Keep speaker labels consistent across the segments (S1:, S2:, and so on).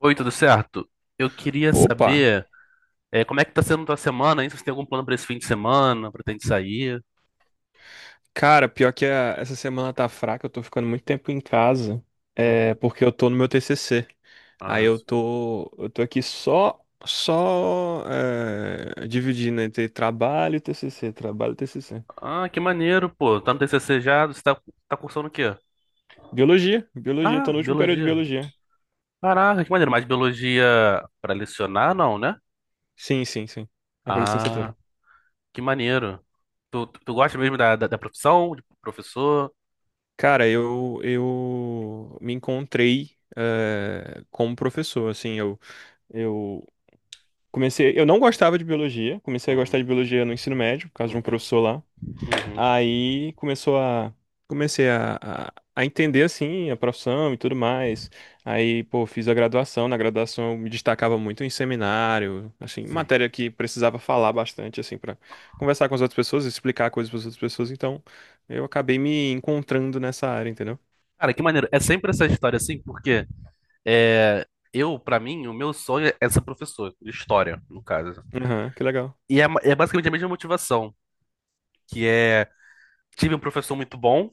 S1: Oi, tudo certo? Eu queria
S2: Opa!
S1: saber, como é que tá sendo tua semana, hein? Se você tem algum plano pra esse fim de semana, pretende sair?
S2: Cara, pior que essa semana tá fraca, eu tô ficando muito tempo em casa, é
S1: Uhum.
S2: porque eu tô no meu TCC.
S1: Ah, sim.
S2: Eu tô aqui só, dividindo entre trabalho e TCC, trabalho e TCC.
S1: Ah, que maneiro, pô. Tá no TCC já? Tá cursando o quê?
S2: Biologia, biologia, tô
S1: Ah,
S2: no último período de
S1: biologia.
S2: biologia.
S1: Caraca, que maneiro. Mas biologia pra lecionar, não, né?
S2: Sim, sim, sim. É pra
S1: Ah,
S2: licenciatura.
S1: que maneiro. Tu gosta mesmo da profissão, de professor?
S2: Cara, eu me encontrei como professor, assim, eu comecei, eu não gostava de biologia, comecei a gostar de
S1: Uhum,
S2: biologia no ensino médio, por causa de um
S1: uhum,
S2: professor lá.
S1: uhum.
S2: Aí começou a Comecei a entender assim a profissão e tudo mais. Aí, pô, fiz a graduação. Na graduação eu me destacava muito em seminário, assim,
S1: Sim.
S2: matéria que precisava falar bastante assim para conversar com as outras pessoas, explicar coisas para as outras pessoas. Então, eu acabei me encontrando nessa área, entendeu?
S1: Cara, que maneiro. É sempre essa história assim, porque é, eu, pra mim, o meu sonho é ser professor de história, no caso.
S2: Aham, que legal.
S1: E é, é basicamente a mesma motivação, que é tive um professor muito bom,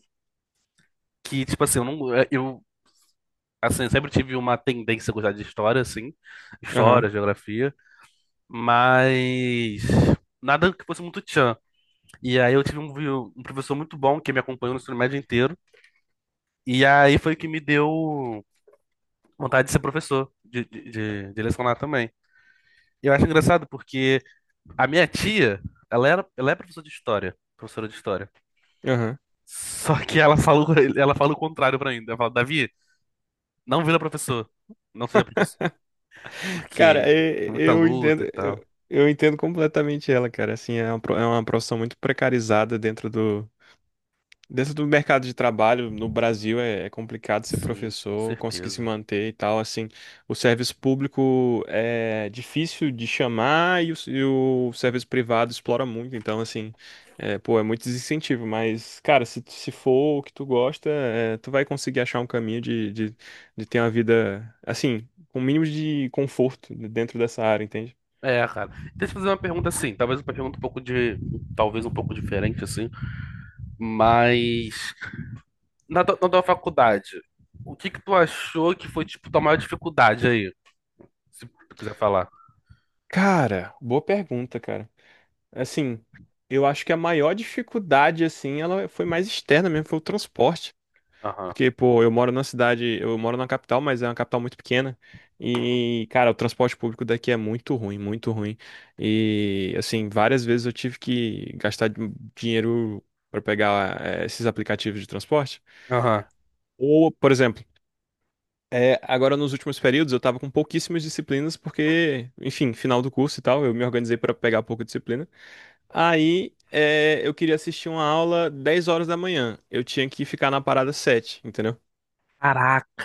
S1: que tipo assim, eu não é, eu assim, eu sempre tive uma tendência a gostar de história assim, história,
S2: Aham,
S1: geografia, mas nada que fosse muito tchan. E aí eu tive um professor muito bom que me acompanhou no ensino médio inteiro, e aí foi o que me deu vontade de ser professor, de lecionar também. Eu acho engraçado porque a minha tia, ela é professora de história, professora de história.
S2: aham.
S1: Só que ela falou, ela fala o contrário pra mim. Ela fala, Davi, não vira professor, não seja professor,
S2: Cara,
S1: porque é muita
S2: eu
S1: luta
S2: entendo,
S1: e tal.
S2: eu entendo completamente ela, cara. Assim, é uma profissão muito precarizada dentro do. Dentro do mercado de trabalho no Brasil é complicado ser
S1: Sim, com
S2: professor, conseguir se
S1: certeza.
S2: manter e tal. Assim, o serviço público é difícil de chamar e e o serviço privado explora muito. Então, assim, é, pô, é muito desincentivo. Mas, cara, se for o que tu gosta, é, tu vai conseguir achar um caminho de ter uma vida, assim, com o mínimo de conforto dentro dessa área, entende?
S1: É, cara. Deixa eu fazer uma pergunta assim, talvez um pouco diferente assim, mas na tua faculdade, o que que tu achou que foi tipo tua maior dificuldade aí, se tu quiser falar?
S2: Cara, boa pergunta, cara. Assim, eu acho que a maior dificuldade, assim, ela foi mais externa mesmo, foi o transporte.
S1: Aham.
S2: Porque, pô, eu moro numa cidade, eu moro na capital, mas é uma capital muito pequena.
S1: Uhum.
S2: E, cara, o transporte público daqui é muito ruim, muito ruim. E, assim, várias vezes eu tive que gastar dinheiro para pegar, esses aplicativos de transporte.
S1: Aham.
S2: Ou, por exemplo, é, agora nos últimos períodos eu tava com pouquíssimas disciplinas, porque, enfim, final do curso e tal, eu me organizei para pegar pouca disciplina. Eu queria assistir uma aula 10 horas da manhã. Eu tinha que ficar na parada 7, entendeu?
S1: Caraca,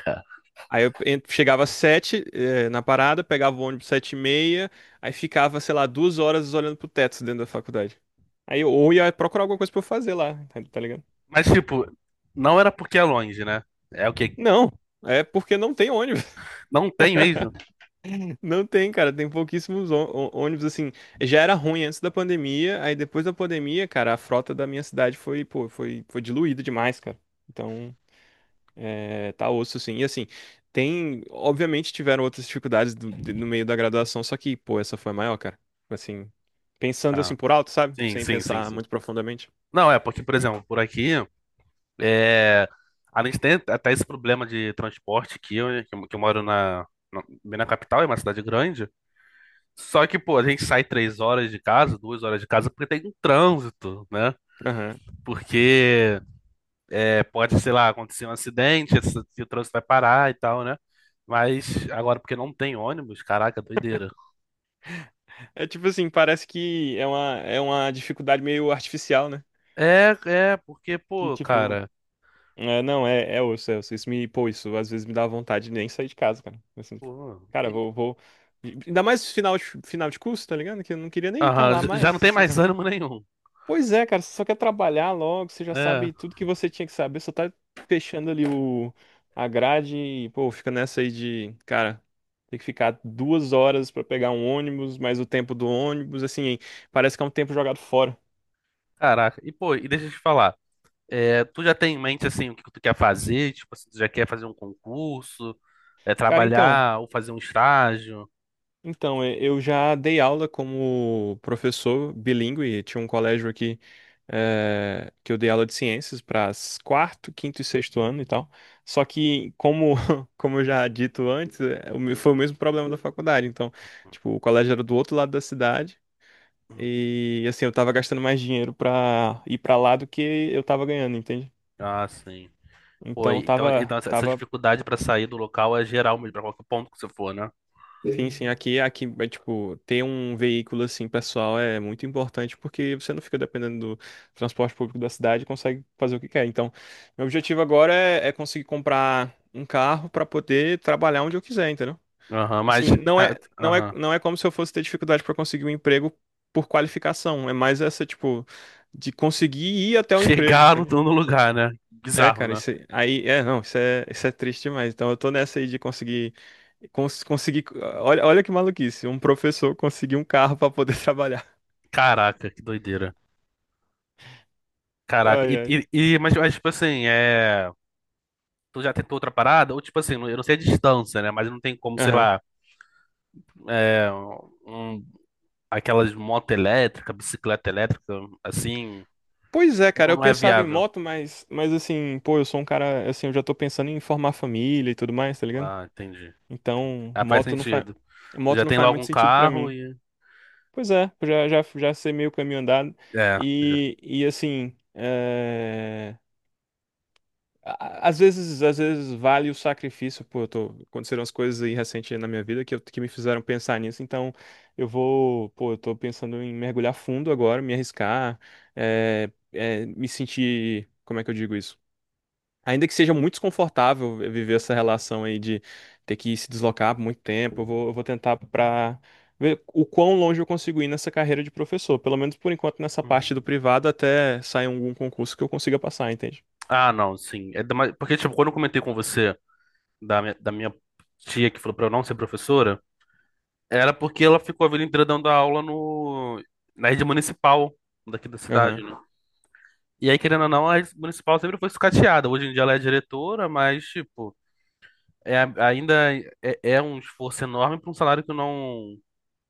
S2: Chegava às 7, é, na parada, pegava o ônibus 7 e meia, aí ficava, sei lá, 2 horas olhando pro teto dentro da faculdade. Aí eu ou ia procurar alguma coisa pra eu fazer lá, tá ligado?
S1: mas, tipo, não era porque é longe, né? É o que?
S2: Não, é porque não tem ônibus.
S1: Não tem mesmo?
S2: Não tem, cara, tem pouquíssimos ônibus, assim. Já era ruim antes da pandemia, aí depois da pandemia, cara, a frota da minha cidade foi, pô, foi diluída demais, cara. Então. É, tá osso, sim. E assim, tem. Obviamente tiveram outras dificuldades no meio da graduação, só que, pô, essa foi a maior, cara. Assim, pensando assim
S1: Ah,
S2: por alto, sabe?
S1: sim,
S2: Sem
S1: sim, sim,
S2: pensar
S1: sim.
S2: muito profundamente.
S1: Não, é porque, por exemplo, por aqui, é... a gente tem até esse problema de transporte aqui, que eu moro na, na, bem na capital, é uma cidade grande. Só que, pô, a gente sai três horas de casa, duas horas de casa, porque tem um trânsito, né?
S2: Aham.
S1: Porque é, pode, sei lá, acontecer um acidente, o trânsito vai parar e tal, né? Mas agora, porque não tem ônibus, caraca, doideira.
S2: É tipo assim, parece que é uma dificuldade meio artificial, né?
S1: É, é, porque,
S2: Que
S1: pô,
S2: tipo,
S1: cara,
S2: é, não, é, é osso, é osso. Isso me, pô, isso às vezes me dá vontade de nem sair de casa, cara. Assim,
S1: pô,
S2: cara, vou. Ainda mais final de curso, tá ligado? Que eu não queria nem estar
S1: aham,
S2: lá
S1: já não
S2: mais.
S1: tem mais ânimo nenhum.
S2: Pois é, cara, você só quer trabalhar logo, você já
S1: É,
S2: sabe tudo que você tinha que saber, só tá fechando ali a grade e, pô, fica nessa aí de, cara, tem que ficar 2 horas pra pegar um ônibus, mais o tempo do ônibus, assim, parece que é um tempo jogado fora.
S1: caraca. E, pô, e deixa eu te falar, é, tu já tem em mente, assim, o que tu quer fazer? Tipo, assim, tu já quer fazer um concurso, é,
S2: Cara, então.
S1: trabalhar ou fazer um estágio?
S2: Então, eu já dei aula como professor bilíngue, tinha um colégio aqui que eu dei aula de ciências para quarto, quinto e sexto ano e tal. Só que, como, como eu já dito antes, foi o mesmo problema da faculdade. Então, tipo, o colégio era do outro lado da cidade
S1: Hum.
S2: e, assim, eu tava gastando mais dinheiro pra ir pra lá do que eu tava ganhando, entende?
S1: Ah, sim. Pô,
S2: Então,
S1: então, então essa
S2: tava.
S1: dificuldade pra sair do local é geral mesmo, pra qualquer ponto que você for, né?
S2: Sim, sim, aqui, é, tipo, ter um veículo, assim, pessoal é muito importante porque você não fica dependendo do transporte público da cidade e consegue fazer o que quer. Então, meu objetivo agora é conseguir comprar um carro para poder trabalhar onde eu quiser, entendeu?
S1: Aham, mas,
S2: Assim,
S1: ah, aham,
S2: não é como se eu fosse ter dificuldade para conseguir um emprego por qualificação, é mais essa, tipo, de conseguir ir até o emprego,
S1: chegar no,
S2: entende?
S1: no lugar, né?
S2: É,
S1: Bizarro,
S2: cara,
S1: né?
S2: isso aí, é, não, isso é triste demais. Então eu tô nessa aí de conseguir conseguir, olha que maluquice, um professor conseguir um carro pra poder trabalhar.
S1: Caraca, que doideira. Caraca,
S2: Ai, ai.
S1: mas, tipo assim, é. Tu já tentou outra parada? Ou tipo assim, eu não sei a distância, né? Mas não tem como, sei
S2: Aham.
S1: lá, é, um- aquelas moto elétrica, bicicleta elétrica, assim,
S2: Pois é, cara,
S1: ou
S2: eu
S1: não é
S2: pensava em
S1: viável?
S2: moto, mas assim, pô, eu sou um cara, assim, eu já tô pensando em formar família e tudo mais, tá ligado?
S1: Ah, entendi. Entendi.
S2: Então,
S1: Ah, faz sentido. Tu já
S2: moto não
S1: tem
S2: faz
S1: logo
S2: muito
S1: um
S2: sentido pra
S1: carro
S2: mim.
S1: e.
S2: Pois é, eu já já sei meio caminho andado
S1: É, já.
S2: e assim, às vezes vale o sacrifício, pô, eu tô, aconteceram as coisas aí recente na minha vida que me fizeram pensar nisso, então eu vou, pô, eu tô pensando em mergulhar fundo agora, me arriscar, me sentir, como é que eu digo isso? Ainda que seja muito desconfortável viver essa relação aí de ter que se deslocar por muito tempo, eu vou tentar pra ver o quão longe eu consigo ir nessa carreira de professor, pelo menos por enquanto nessa parte do
S1: Uhum.
S2: privado até sair algum concurso que eu consiga passar, entende?
S1: Ah, não, sim. Porque, tipo, quando eu comentei com você da minha tia que falou pra eu não ser professora. Era porque ela ficou a vida inteira dando aula no, na rede municipal daqui da cidade,
S2: Aham.
S1: né? E aí, querendo ou não, a rede municipal sempre foi sucateada. Hoje em dia ela é diretora, mas, tipo, é, ainda é, é um esforço enorme para um salário que não,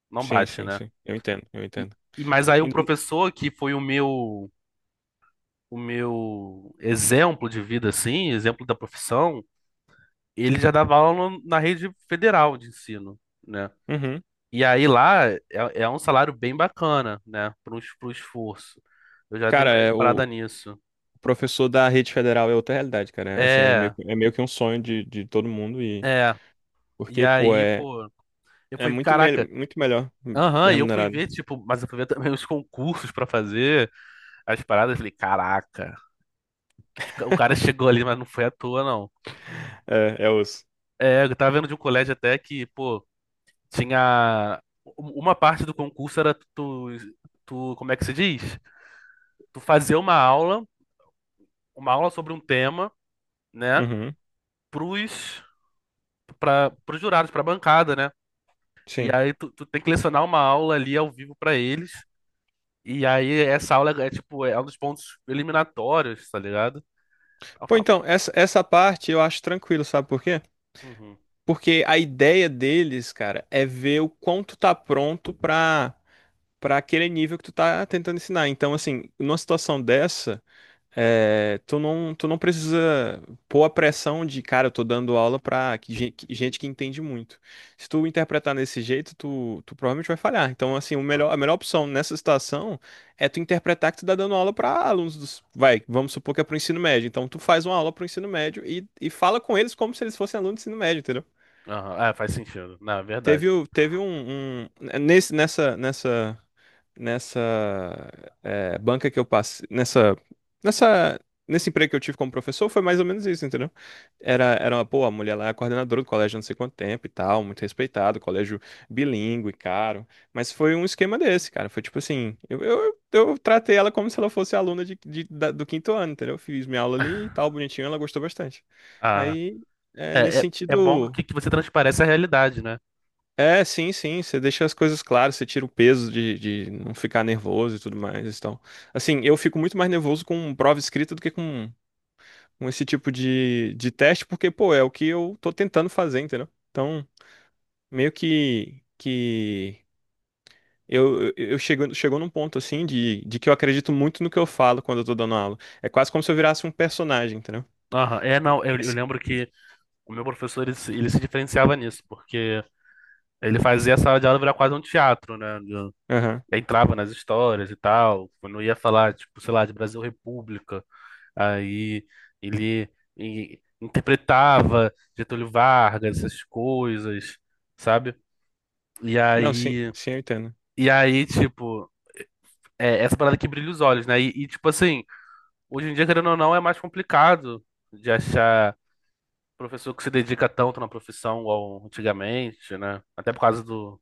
S1: não
S2: Sim,
S1: bate,
S2: sim,
S1: né?
S2: sim. Eu entendo, eu
S1: E,
S2: entendo.
S1: e, mas aí o
S2: Ainda...
S1: professor, que foi o meu exemplo de vida, assim, exemplo da profissão, ele já dava aula na rede federal de ensino. Né?
S2: Uhum.
S1: E aí lá é, é um salário bem bacana, né? Para o esforço. Eu já dei
S2: Cara,
S1: uma
S2: é,
S1: parada
S2: o
S1: nisso.
S2: professor da rede federal é outra realidade, cara. É, assim, é meio,
S1: É,
S2: é meio que um sonho de todo mundo e...
S1: é. E
S2: Porque, pô,
S1: aí,
S2: é,
S1: pô, eu
S2: é
S1: fui,
S2: muito, me...
S1: caraca,
S2: muito melhor
S1: aham, e eu fui
S2: remunerado.
S1: ver, tipo, mas eu fui ver também os concursos pra fazer as paradas. Falei, caraca, o cara chegou ali, mas não foi à toa, não.
S2: É, é os...
S1: É, eu tava vendo de um colégio até que, pô, tinha. Uma parte do concurso era tu, tu, como é que se diz? Tu fazer uma aula sobre um tema, né?
S2: Uhum.
S1: pros Para os jurados, para a bancada, né? E
S2: Sim.
S1: aí tu tem que lecionar uma aula ali ao vivo para eles. E aí essa aula é tipo, é um dos pontos eliminatórios, tá ligado? Aí eu
S2: Pô,
S1: falo,
S2: então, essa parte eu acho tranquilo, sabe por quê?
S1: uhum,
S2: Porque a ideia deles, cara, é ver o quanto tá pronto pra aquele nível que tu tá tentando ensinar. Então, assim, numa situação dessa... É, tu não precisa pôr a pressão de, cara, eu tô dando aula pra gente que entende muito. Se tu interpretar nesse jeito, tu provavelmente vai falhar. Então, assim, a
S1: ah,
S2: melhor opção nessa situação é tu interpretar que tu tá dando aula pra alunos dos, vai, vamos supor que é pro ensino médio. Então, tu faz uma aula pro ensino médio e fala com eles como se eles fossem alunos do ensino médio, entendeu?
S1: aham, é, faz sentido, na verdade.
S2: Teve, o- teve um, um- nesse, nessa, nessa nessa é, banca que eu passei, nessa, nesse emprego que eu tive como professor, foi mais ou menos isso, entendeu? Era uma, pô, a mulher lá é coordenadora do colégio há não sei quanto tempo e tal, muito respeitado, colégio bilíngue, caro, mas foi um esquema desse, cara, foi tipo assim, eu tratei ela como se ela fosse aluna do quinto ano, entendeu? Fiz minha aula ali e tal, bonitinho, ela gostou bastante.
S1: Ah,
S2: Aí, é, nesse
S1: é, é, é bom
S2: sentido...
S1: que você transparece a realidade, né?
S2: É, sim, sim. Você deixa as coisas claras, você tira o peso de não ficar nervoso e tudo mais. Então, assim, eu fico muito mais nervoso com prova escrita do que com esse tipo de teste, porque, pô, é o que eu tô tentando fazer, entendeu? Então, meio que eu eu chego, chegou num ponto, assim, de que eu acredito muito no que eu falo quando eu tô dando aula. É quase como se eu virasse um personagem, entendeu?
S1: Aham, é,
S2: E-
S1: não,
S2: e
S1: eu
S2: esse-
S1: lembro que o meu professor, ele se diferenciava nisso, porque ele fazia a sala de aula virar quase um teatro, né?
S2: Aham.
S1: Aí entrava nas histórias e tal, quando ia falar, tipo, sei lá, de Brasil República, aí ele, interpretava Getúlio Vargas, essas coisas, sabe? E
S2: Não, sim,
S1: aí,
S2: sim, eu entendo.
S1: e aí, tipo, é essa parada que brilha os olhos, né? E, tipo assim, hoje em dia, querendo ou não, é mais complicado de achar professor que se dedica tanto na profissão igual antigamente, né? Até por causa do,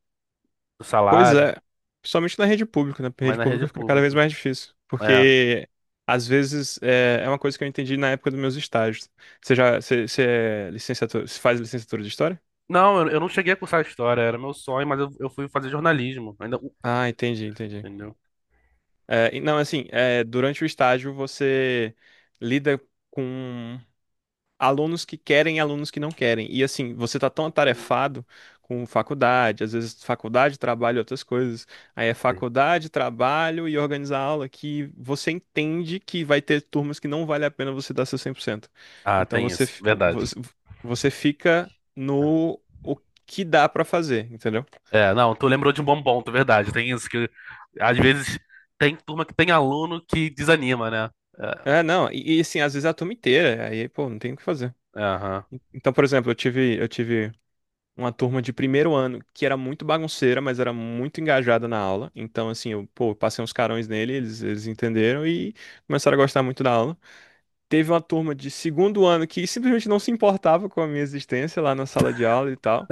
S1: do
S2: Pois
S1: salário,
S2: é, principalmente na rede pública, né? Porque a
S1: mas
S2: rede
S1: na rede
S2: pública fica cada vez
S1: pública.
S2: mais difícil,
S1: É.
S2: porque às vezes é uma coisa que eu entendi na época dos meus estágios. Você já, você é licenciatura, você faz licenciatura de história?
S1: Não, eu não cheguei a cursar história, era meu sonho, mas eu fui fazer jornalismo. Ainda,
S2: Ah, entendi, entendi.
S1: entendeu?
S2: É, e não, assim, é, durante o estágio você lida com alunos que querem e alunos que não querem. E assim, você tá tão atarefado com faculdade, às vezes faculdade, trabalho, e outras coisas. Aí é
S1: Sim.
S2: faculdade, trabalho e organizar aula que você entende que vai ter turmas que não vale a pena você dar seu 100%.
S1: Ah,
S2: Então
S1: tem isso, verdade.
S2: você fica
S1: É,
S2: no o que dá pra fazer, entendeu?
S1: é, não, tu lembrou de um bom ponto, verdade. Tem isso que às vezes tem turma que tem aluno que desanima, né? É,
S2: É, não, e assim, às vezes é a turma inteira, aí, pô, não tem o que fazer.
S1: é, aham.
S2: Então, por exemplo, eu tive uma turma de primeiro ano que era muito bagunceira, mas era muito engajada na aula. Então, assim, eu, pô, eu passei uns carões nele, eles entenderam e começaram a gostar muito da aula. Teve uma turma de segundo ano que simplesmente não se importava com a minha existência lá na sala de aula e tal.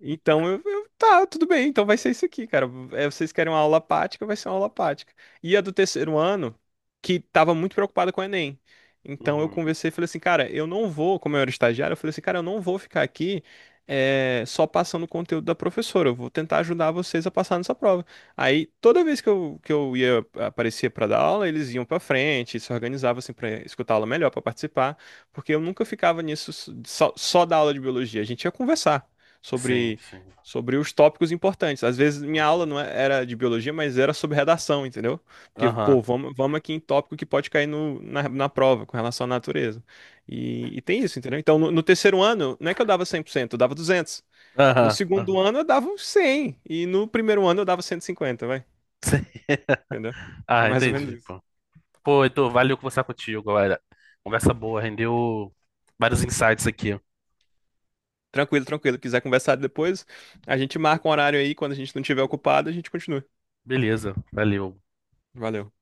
S2: Então, tá, tudo bem, então vai ser isso aqui, cara. É, vocês querem uma aula prática, vai ser uma aula prática. E a do terceiro ano, que tava muito preocupada com o Enem. Então eu
S1: Uhum.
S2: conversei e falei assim, cara, eu não vou, como eu era estagiário, eu falei assim, cara, eu não vou ficar aqui só passando o conteúdo da professora, eu vou tentar ajudar vocês a passar nessa prova. Aí, toda vez que eu ia, aparecia pra dar aula, eles iam pra frente, se organizavam assim pra escutar a aula melhor, pra participar, porque eu nunca ficava nisso só da aula de biologia, a gente ia conversar
S1: Sim,
S2: sobre,
S1: sim.
S2: sobre os tópicos importantes. Às vezes minha aula
S1: Uhum.
S2: não é- era de biologia, mas era sobre redação, entendeu? Porque,
S1: Aham.
S2: pô, vamos aqui em tópico que pode cair no, na, na prova com relação à natureza. E tem isso, entendeu? Então, no terceiro ano, não é que eu dava 100%, eu dava 200. No
S1: Aham. Aham.
S2: segundo ano, eu dava uns 100. E no primeiro ano, eu dava 150 vai.
S1: Sim.
S2: Entendeu? É
S1: Ah,
S2: mais ou menos
S1: entendi,
S2: isso.
S1: pô. Pô, Heitor, valeu conversar contigo, galera. Conversa boa, rendeu vários insights aqui.
S2: Tranquilo, tranquilo. Quiser conversar depois, a gente marca um horário aí. Quando a gente não tiver ocupado, a gente continua.
S1: Beleza, valeu.
S2: Valeu.